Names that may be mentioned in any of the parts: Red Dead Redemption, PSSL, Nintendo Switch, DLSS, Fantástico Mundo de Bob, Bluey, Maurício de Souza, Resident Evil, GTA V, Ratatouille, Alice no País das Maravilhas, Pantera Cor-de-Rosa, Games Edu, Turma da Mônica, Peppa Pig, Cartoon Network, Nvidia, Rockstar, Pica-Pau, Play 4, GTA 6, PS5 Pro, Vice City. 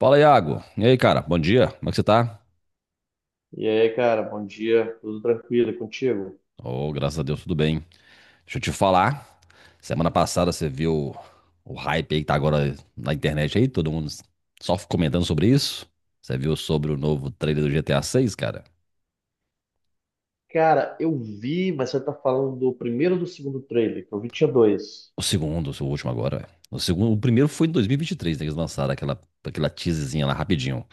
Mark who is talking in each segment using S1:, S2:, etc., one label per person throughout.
S1: Fala, Iago. E aí, cara? Bom dia. Como é que você tá?
S2: E aí, cara, bom dia, tudo tranquilo e contigo?
S1: Oh, graças a Deus, tudo bem. Deixa eu te falar. Semana passada você viu o hype aí que tá agora na internet aí, todo mundo só comentando sobre isso. Você viu sobre o novo trailer do GTA 6, cara?
S2: Cara, eu vi, mas você tá falando do primeiro ou do segundo trailer, que eu vi tinha dois.
S1: O segundo, o último agora, velho. O segundo, o primeiro foi em 2023, né, que eles lançaram aquela teaserzinha lá rapidinho.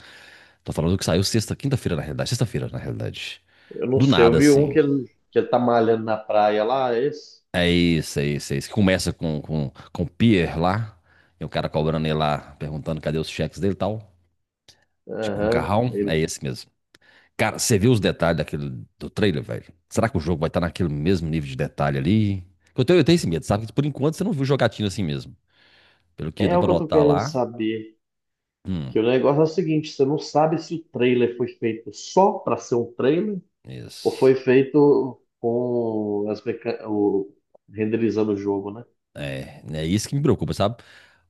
S1: Tô falando que saiu sexta, quinta-feira na realidade, sexta-feira na realidade.
S2: Eu não
S1: Do
S2: sei, eu
S1: nada
S2: vi um
S1: assim.
S2: que ele tá malhando na praia lá, é esse?
S1: É isso, é isso, é isso. Que começa com o Pierre lá, e o cara cobrando ele lá, perguntando cadê os cheques dele e tal. Chega um
S2: Aham,
S1: carrão, é
S2: ele.
S1: esse mesmo. Cara, você viu os detalhes daquele, do trailer, velho? Será que o jogo vai estar naquele mesmo nível de detalhe ali? Eu tenho esse medo, sabe? Que por enquanto você não viu jogatina assim mesmo. Pelo que
S2: É
S1: dá
S2: o
S1: pra
S2: que eu tô
S1: notar
S2: querendo
S1: lá.
S2: saber.
S1: Hum,
S2: Que o negócio é o seguinte, você não sabe se o trailer foi feito só pra ser um trailer ou
S1: isso.
S2: foi feito com renderizando o jogo, né?
S1: É, né, é isso que me preocupa, sabe?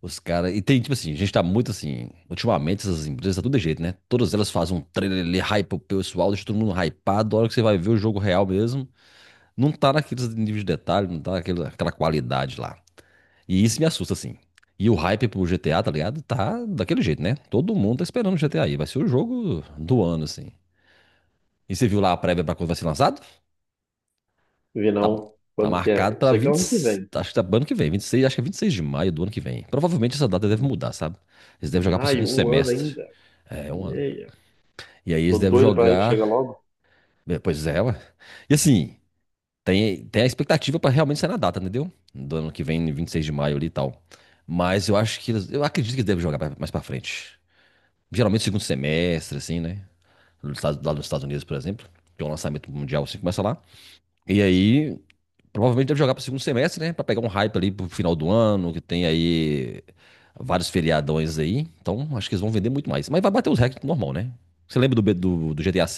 S1: Os caras. E tem, tipo assim, a gente tá muito assim. Ultimamente, essas empresas tá tudo de jeito, né? Todas elas fazem um trailer ali, hype pro pessoal, deixa todo mundo hypado. A hora que você vai ver o jogo real mesmo, não tá naqueles níveis de detalhe, não tá naquele, aquela qualidade lá. E isso me assusta, assim. E o hype pro GTA, tá ligado? Tá daquele jeito, né? Todo mundo tá esperando o GTA aí. Vai ser o jogo do ano, assim. E você viu lá a prévia pra quando vai ser lançado?
S2: Vi
S1: Tá,
S2: não,
S1: tá
S2: quando que é?
S1: marcado
S2: Eu
S1: pra
S2: sei que é o
S1: 20
S2: ano que vem.
S1: acho que tá pro ano que vem, 26 acho que é 26 de maio do ano que vem. Provavelmente essa data deve
S2: Em
S1: mudar, sabe? Eles devem jogar pro segundo
S2: maio, um ano
S1: semestre.
S2: ainda.
S1: É, um
S2: E
S1: ano.
S2: aí,
S1: E aí eles
S2: tô
S1: devem
S2: doido pra ir
S1: jogar.
S2: chegar logo.
S1: Pois é, ué. E assim, tem a expectativa pra realmente ser na data, entendeu? Do ano que vem, 26 de maio ali e tal. Mas eu acho que eles, eu acredito que eles devem jogar mais pra frente. Geralmente segundo semestre, assim, né? Lá nos Estados Unidos, por exemplo. Tem um lançamento mundial assim, começa lá. E aí, provavelmente deve jogar para o segundo semestre, né? Para pegar um hype ali pro final do ano, que tem aí vários feriadões aí. Então, acho que eles vão vender muito mais. Mas vai bater os recordes normal, né? Você lembra do GTA V?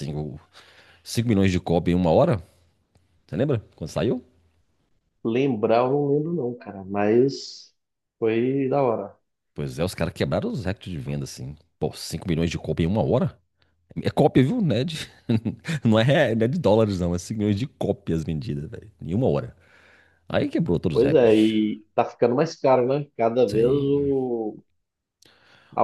S1: 5 milhões de cópia em uma hora? Você lembra? Quando saiu?
S2: Lembrar, eu não lembro não, cara, mas foi da hora.
S1: Pois é, os caras quebraram os recordes de venda, assim. Pô, 5 milhões de cópia em uma hora? É cópia, viu? Não é de dólares, não. É 5 milhões de cópias vendidas, velho. Em uma hora. Aí quebrou todos os
S2: Pois é,
S1: recordes.
S2: e tá ficando mais caro, né? Cada vez
S1: Sim.
S2: o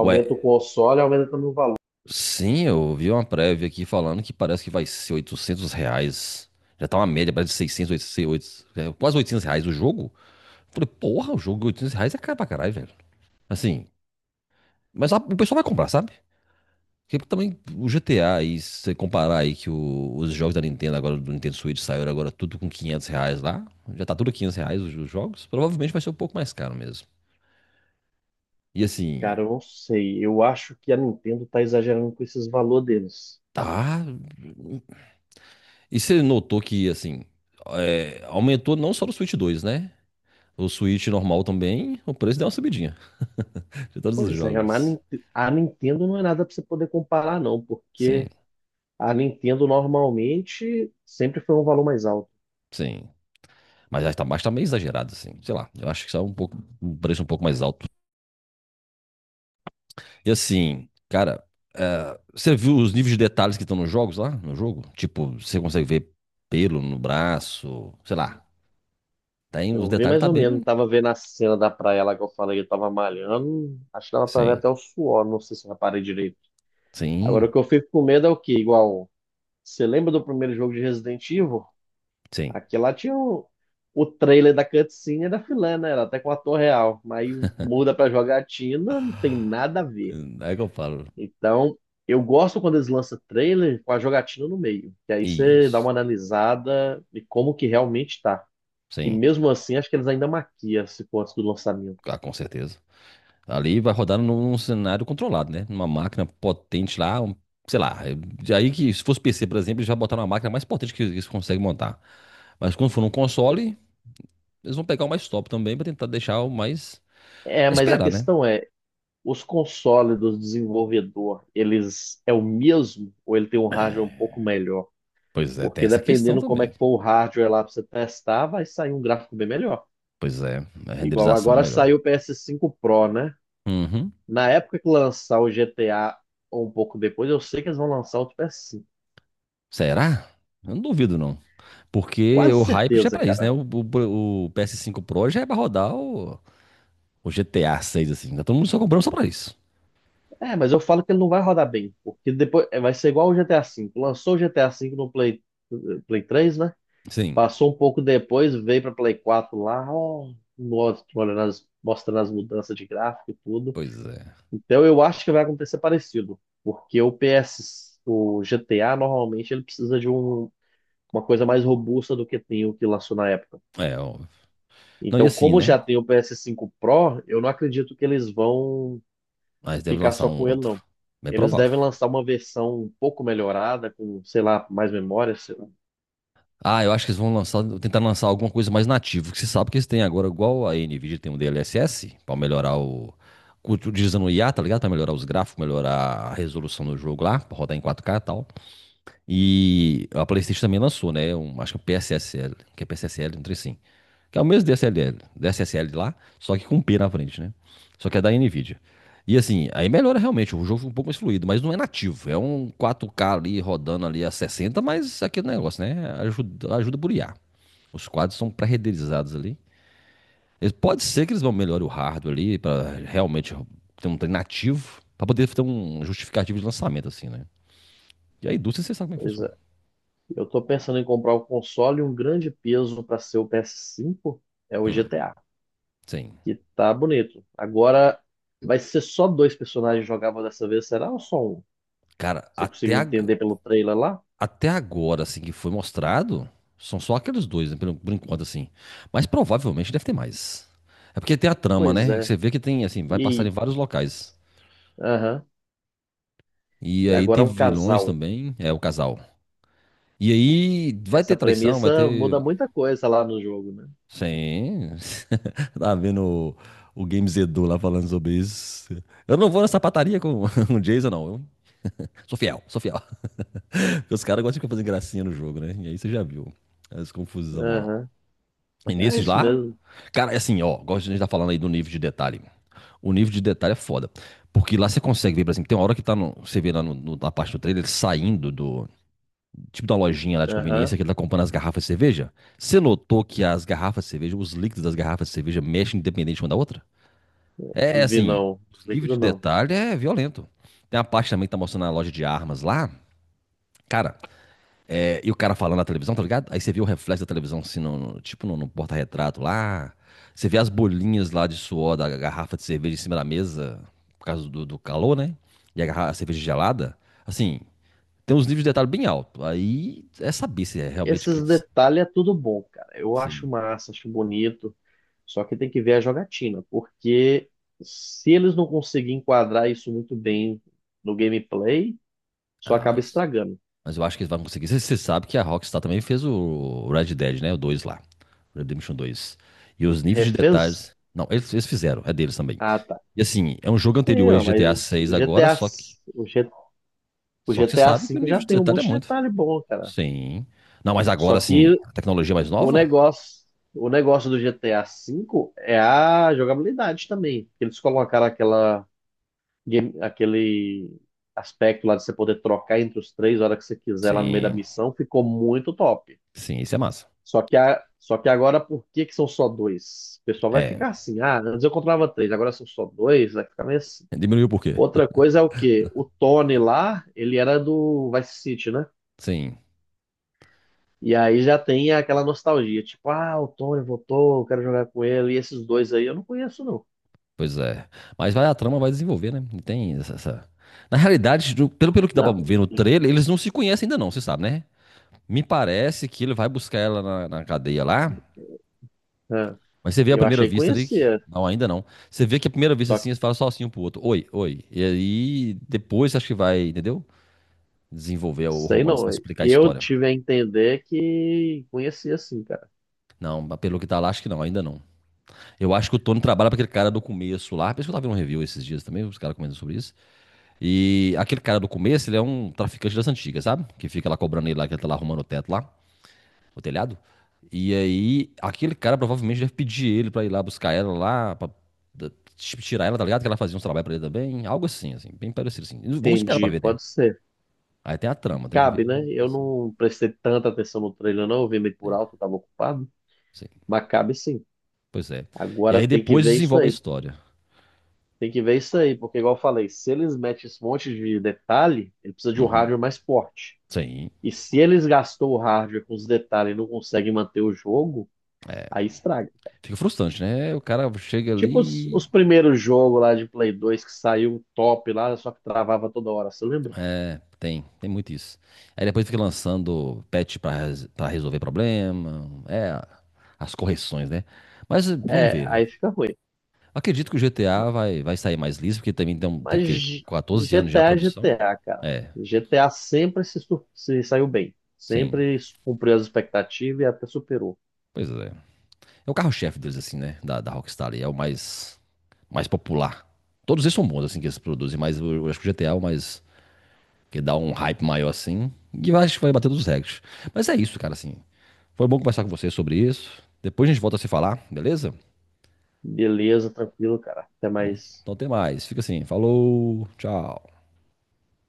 S1: Ué,
S2: o console, aumenta também o valor.
S1: sim, eu vi uma prévia aqui falando que parece que vai ser R$ 800. Já tá uma média, parece de 600 800, 800, é, quase R$ 800 o jogo. Eu falei, porra, o jogo de R$ 800 é caro pra caralho, velho. Assim, o pessoal vai comprar, sabe? Porque também o GTA aí, se você comparar aí os jogos da Nintendo agora, do Nintendo Switch, saíram agora tudo com R$ 500 lá. Já tá tudo R$ 500 os jogos. Provavelmente vai ser um pouco mais caro mesmo. E
S2: Cara,
S1: assim,
S2: eu não sei. Eu acho que a Nintendo tá exagerando com esses valores deles.
S1: tá... E você notou que, assim, aumentou não só no Switch dois, né? O Switch normal também, o preço deu uma subidinha de todos os
S2: Pois é, mas
S1: jogos.
S2: A Nintendo não é nada pra você poder comparar, não,
S1: Sim,
S2: porque a Nintendo normalmente sempre foi um valor mais alto.
S1: sim. Mas tá meio exagerado, assim. Sei lá, eu acho que está um pouco, um preço um pouco mais alto. E assim, cara, você viu os níveis de detalhes que estão nos jogos lá, no jogo? Tipo, você consegue ver pelo no braço, sei lá. Tem os
S2: Eu vi
S1: detalhes,
S2: mais
S1: tá
S2: ou menos,
S1: bem.
S2: tava vendo a cena da praia lá que eu falei que eu tava malhando, acho que dava pra ver
S1: Sim,
S2: até o suor, não sei se eu reparei direito. Agora o
S1: sim,
S2: que eu fico com medo é o quê? Igual, você lembra do primeiro jogo de Resident Evil?
S1: sim.
S2: Aqui lá tinha o trailer da cutscene e da filé, né? Era até com o ator real, mas aí muda pra jogatina, não tem nada a ver.
S1: É que eu falo.
S2: Então, eu gosto quando eles lançam trailer com a jogatina no meio, que aí você dá uma
S1: Isso,
S2: analisada de como que realmente tá. E
S1: sim.
S2: mesmo assim, acho que eles ainda maquiam se for antes do lançamento.
S1: Ah, com certeza. Ali vai rodar num cenário controlado, né? Numa máquina potente lá, sei lá. Aí que se fosse PC, por exemplo, eles já botaram uma máquina mais potente que eles conseguem montar. Mas quando for num console, eles vão pegar o mais top também para tentar deixar o mais.
S2: É, mas a
S1: Esperar, né?
S2: questão é, os consoles do desenvolvedor, eles é o mesmo ou ele tem um hardware um pouco melhor?
S1: Pois é, tem
S2: Porque
S1: essa questão
S2: dependendo como é
S1: também.
S2: que for o hardware lá para você testar, vai sair um gráfico bem melhor.
S1: Pois é, a
S2: Igual
S1: renderização
S2: agora
S1: melhor.
S2: saiu o PS5 Pro, né?
S1: Uhum.
S2: Na época que lançar o GTA ou um pouco depois, eu sei que eles vão lançar outro PS5.
S1: Será? Eu não duvido, não. Porque
S2: Quase
S1: o hype já é
S2: certeza,
S1: pra isso, né?
S2: cara.
S1: O PS5 Pro já é pra rodar o GTA 6, assim. Tá todo mundo só comprando só pra isso.
S2: É, mas eu falo que ele não vai rodar bem, porque depois é, vai ser igual o GTA V. Lançou o GTA V no eh, Play 3, né?
S1: Sim,
S2: Passou um pouco depois, veio para Play 4 lá, ó, nossa, olhando as- mostrando as mudanças de gráfico e tudo.
S1: pois é.
S2: Então eu acho que vai acontecer parecido, porque o GTA normalmente ele precisa de uma coisa mais robusta do que tem o que lançou na época.
S1: É, ó, não, e
S2: Então,
S1: assim,
S2: como já
S1: né?
S2: tem o PS5 Pro, eu não acredito que eles vão
S1: Mas deve
S2: ficar
S1: lançar
S2: só
S1: um
S2: com ele,
S1: outro.
S2: não.
S1: Bem
S2: Eles
S1: provável.
S2: devem lançar uma versão um pouco melhorada, com, sei lá, mais memória, sei lá.
S1: Ah, eu acho que eles vão lançar, tentar lançar alguma coisa mais nativa, que você sabe que eles têm agora, igual a Nvidia tem um DLSS, pra melhorar o. Utilizando o IA, tá ligado? Pra melhorar os gráficos, melhorar a resolução do jogo lá, pra rodar em quatro k e tal. E a PlayStation também lançou, né? Um, acho que é o PSSL, que é PSSL, não sei assim. Que é o mesmo DSLL, DSSL lá, só que com P na frente, né? Só que é da Nvidia. E assim, aí melhora realmente, o jogo fica um pouco mais fluido, mas não é nativo. É um 4K ali rodando ali a 60, mas aquele negócio, né? Ajuda, ajuda por IA. Os quadros são pré-renderizados ali. Pode ser que eles vão melhorar o hardware ali para realmente ter um trem nativo, para poder ter um justificativo de lançamento, assim, né? E a indústria, você sabe como é que
S2: Pois,
S1: funciona.
S2: eu tô pensando em comprar um console e um grande peso para ser o PS5 é o
S1: Hum,
S2: GTA,
S1: sim.
S2: que tá bonito. Agora vai ser só dois personagens jogáveis dessa vez, será ou só um?
S1: Cara,
S2: Você conseguiu entender pelo trailer lá?
S1: até agora, assim, que foi mostrado, são só aqueles dois, né, por enquanto, assim. Mas provavelmente deve ter mais. É porque tem a trama,
S2: Pois
S1: né? que
S2: é.
S1: Você vê que tem, assim, vai passar em
S2: E
S1: vários locais.
S2: aham.
S1: E
S2: E
S1: aí
S2: agora
S1: tem
S2: é um
S1: vilões
S2: casal.
S1: também, é o casal. E aí vai
S2: Essa
S1: ter traição, vai
S2: premissa
S1: ter.
S2: muda muita coisa lá no jogo, né?
S1: Sim. Tá vendo o Games Edu lá falando sobre isso. Eu não vou nessa pataria com o Jason, não. Eu sou fiel, sou fiel. Os caras gostam de ficar fazendo gracinha no jogo, né? E aí você já viu as confusão lá.
S2: Aham.
S1: E
S2: É
S1: nesses
S2: isso
S1: lá,
S2: mesmo.
S1: cara, é assim, ó, gosto de a gente tá falando aí do nível de detalhe. O nível de detalhe é foda. Porque lá você consegue ver, por exemplo, tem uma hora que tá no, você vê lá na parte do trailer ele saindo do tipo da lojinha lá de
S2: Aham.
S1: conveniência que ele tá comprando as garrafas de cerveja. Você notou que as garrafas de cerveja, os líquidos das garrafas de cerveja mexem independente uma da outra? É
S2: Vi
S1: assim,
S2: não.
S1: o nível
S2: Líquido
S1: de
S2: não.
S1: detalhe é violento. Tem a parte também que tá mostrando a loja de armas lá. Cara, e o cara falando na televisão, tá ligado? Aí você vê o reflexo da televisão, assim, tipo no porta-retrato lá. Você vê as bolinhas lá de suor da garrafa de cerveja em cima da mesa, por causa do calor, né? E a, a cerveja gelada. Assim, tem uns níveis de detalhe bem alto. Aí é saber se é realmente que.
S2: Esses detalhes é tudo bom, cara. Eu acho
S1: Sim.
S2: massa, acho bonito. Só que tem que ver a jogatina, porque se eles não conseguirem enquadrar isso muito bem no gameplay, só
S1: Ah,
S2: acaba
S1: mas.
S2: estragando.
S1: Mas eu acho que eles vão conseguir. Você sabe que a Rockstar também fez o Red Dead, né? O 2 lá. Redemption 2. E os níveis de
S2: Refez?
S1: detalhes. Não, eles fizeram, é deles também.
S2: Ah, tá.
S1: E assim, é um jogo
S2: Sim,
S1: anterior a
S2: ó, mas
S1: GTA 6
S2: o GTA,
S1: agora, só que
S2: s- o G- o
S1: só que você
S2: GTA
S1: sabe que o
S2: V já
S1: nível de
S2: tem um
S1: detalhe é
S2: monte de
S1: muito.
S2: detalhe bom, cara.
S1: Sim. Não, mas
S2: Só
S1: agora sim,
S2: que
S1: a tecnologia mais
S2: o
S1: nova?
S2: negócio, o negócio do GTA V é a jogabilidade também. Eles colocaram aquele aspecto lá de você poder trocar entre os três a hora que você quiser lá no meio da
S1: Sim.
S2: missão, ficou muito top.
S1: Sim, isso é massa.
S2: Só que agora, por que que são só dois? O pessoal vai ficar
S1: É.
S2: assim, ah, antes eu controlava três, agora são só dois, vai ficar meio assim.
S1: Diminuiu por quê?
S2: Outra coisa é o quê? O Tony lá, ele era do Vice City, né?
S1: Sim,
S2: E aí já tem aquela nostalgia, tipo, ah, o Tony voltou, eu quero jogar com ele, e esses dois aí eu não conheço, não.
S1: pois é. Mas vai a trama vai desenvolver, né? E tem essa, essa- Na realidade, pelo, pelo que dá pra
S2: Não,
S1: ver no trailer, eles não se conhecem ainda não, você sabe, né? Me parece que ele vai buscar ela na, na cadeia lá,
S2: é,
S1: mas você vê à
S2: eu
S1: primeira
S2: achei que
S1: vista ali que...
S2: conhecia.
S1: Não, ainda não. Você vê que à primeira vista
S2: Só
S1: assim, eles falam só assim um pro outro. Oi, oi. E aí, depois acho que vai, entendeu? Desenvolver o
S2: sei
S1: romance,
S2: não.
S1: vai explicar a
S2: Eu
S1: história.
S2: tive a entender que conhecia assim, cara.
S1: Não, mas pelo que tá lá, acho que não, ainda não. Eu acho que o Tony trabalha pra aquele cara do começo lá. Parece que eu tava vendo um review esses dias também, os caras comentando sobre isso. E aquele cara do começo, ele é um traficante das antigas, sabe? Que fica lá cobrando ele lá, que ele tá lá arrumando o teto lá, o telhado. E aí, aquele cara provavelmente deve pedir ele pra ir lá buscar ela lá, pra da- tirar ela, tá ligado? Que ela fazia uns trabalhos pra ele também, algo assim, assim, bem parecido assim. Vamos esperar pra
S2: Entendi,
S1: ver, né?
S2: pode ser.
S1: Aí tem a trama, tem que
S2: Cabe,
S1: ver.
S2: né? Eu não prestei tanta atenção no trailer, não. Eu vi meio por
S1: Sim,
S2: alto, eu tava ocupado.
S1: sim.
S2: Mas cabe sim.
S1: Pois é. E
S2: Agora
S1: aí
S2: tem que
S1: depois
S2: ver isso
S1: desenvolve a
S2: aí.
S1: história.
S2: Tem que ver isso aí, porque, igual eu falei, se eles metem esse monte de detalhe, ele precisa de um
S1: Uhum.
S2: hardware mais forte.
S1: Sim.
S2: E se eles gastou o hardware com os detalhes e não conseguem manter o jogo, aí estraga.
S1: Fica frustrante, né? O cara chega
S2: Tipo os,
S1: ali.
S2: os primeiros jogos lá de Play 2 que saiu top lá, só que travava toda hora, você lembra?
S1: É, tem, tem muito isso. Aí depois fica lançando patch pra resolver problema. É, as correções, né? Mas vamos
S2: É,
S1: ver, né?
S2: aí fica ruim.
S1: Acredito que o GTA vai, vai sair mais liso, porque também tem, tem o
S2: Mas
S1: quê? 14 anos já a
S2: GTA é
S1: produção.
S2: GTA, cara.
S1: É,
S2: GTA sempre se saiu bem.
S1: sim.
S2: Sempre cumpriu as expectativas e até superou.
S1: Pois é. É o carro-chefe deles, assim, né? Da Rockstar ali. É o mais, mais popular. Todos eles são bons, assim, que eles produzem, mas eu acho que o GTA é o mais que dá um hype maior assim. E eu acho que vai bater todos os recordes. Mas é isso, cara, assim. Foi bom conversar com você sobre isso. Depois a gente volta a se falar, beleza?
S2: Beleza, tranquilo, cara. Até
S1: Então,
S2: mais.
S1: então até mais. Fica assim. Falou, tchau.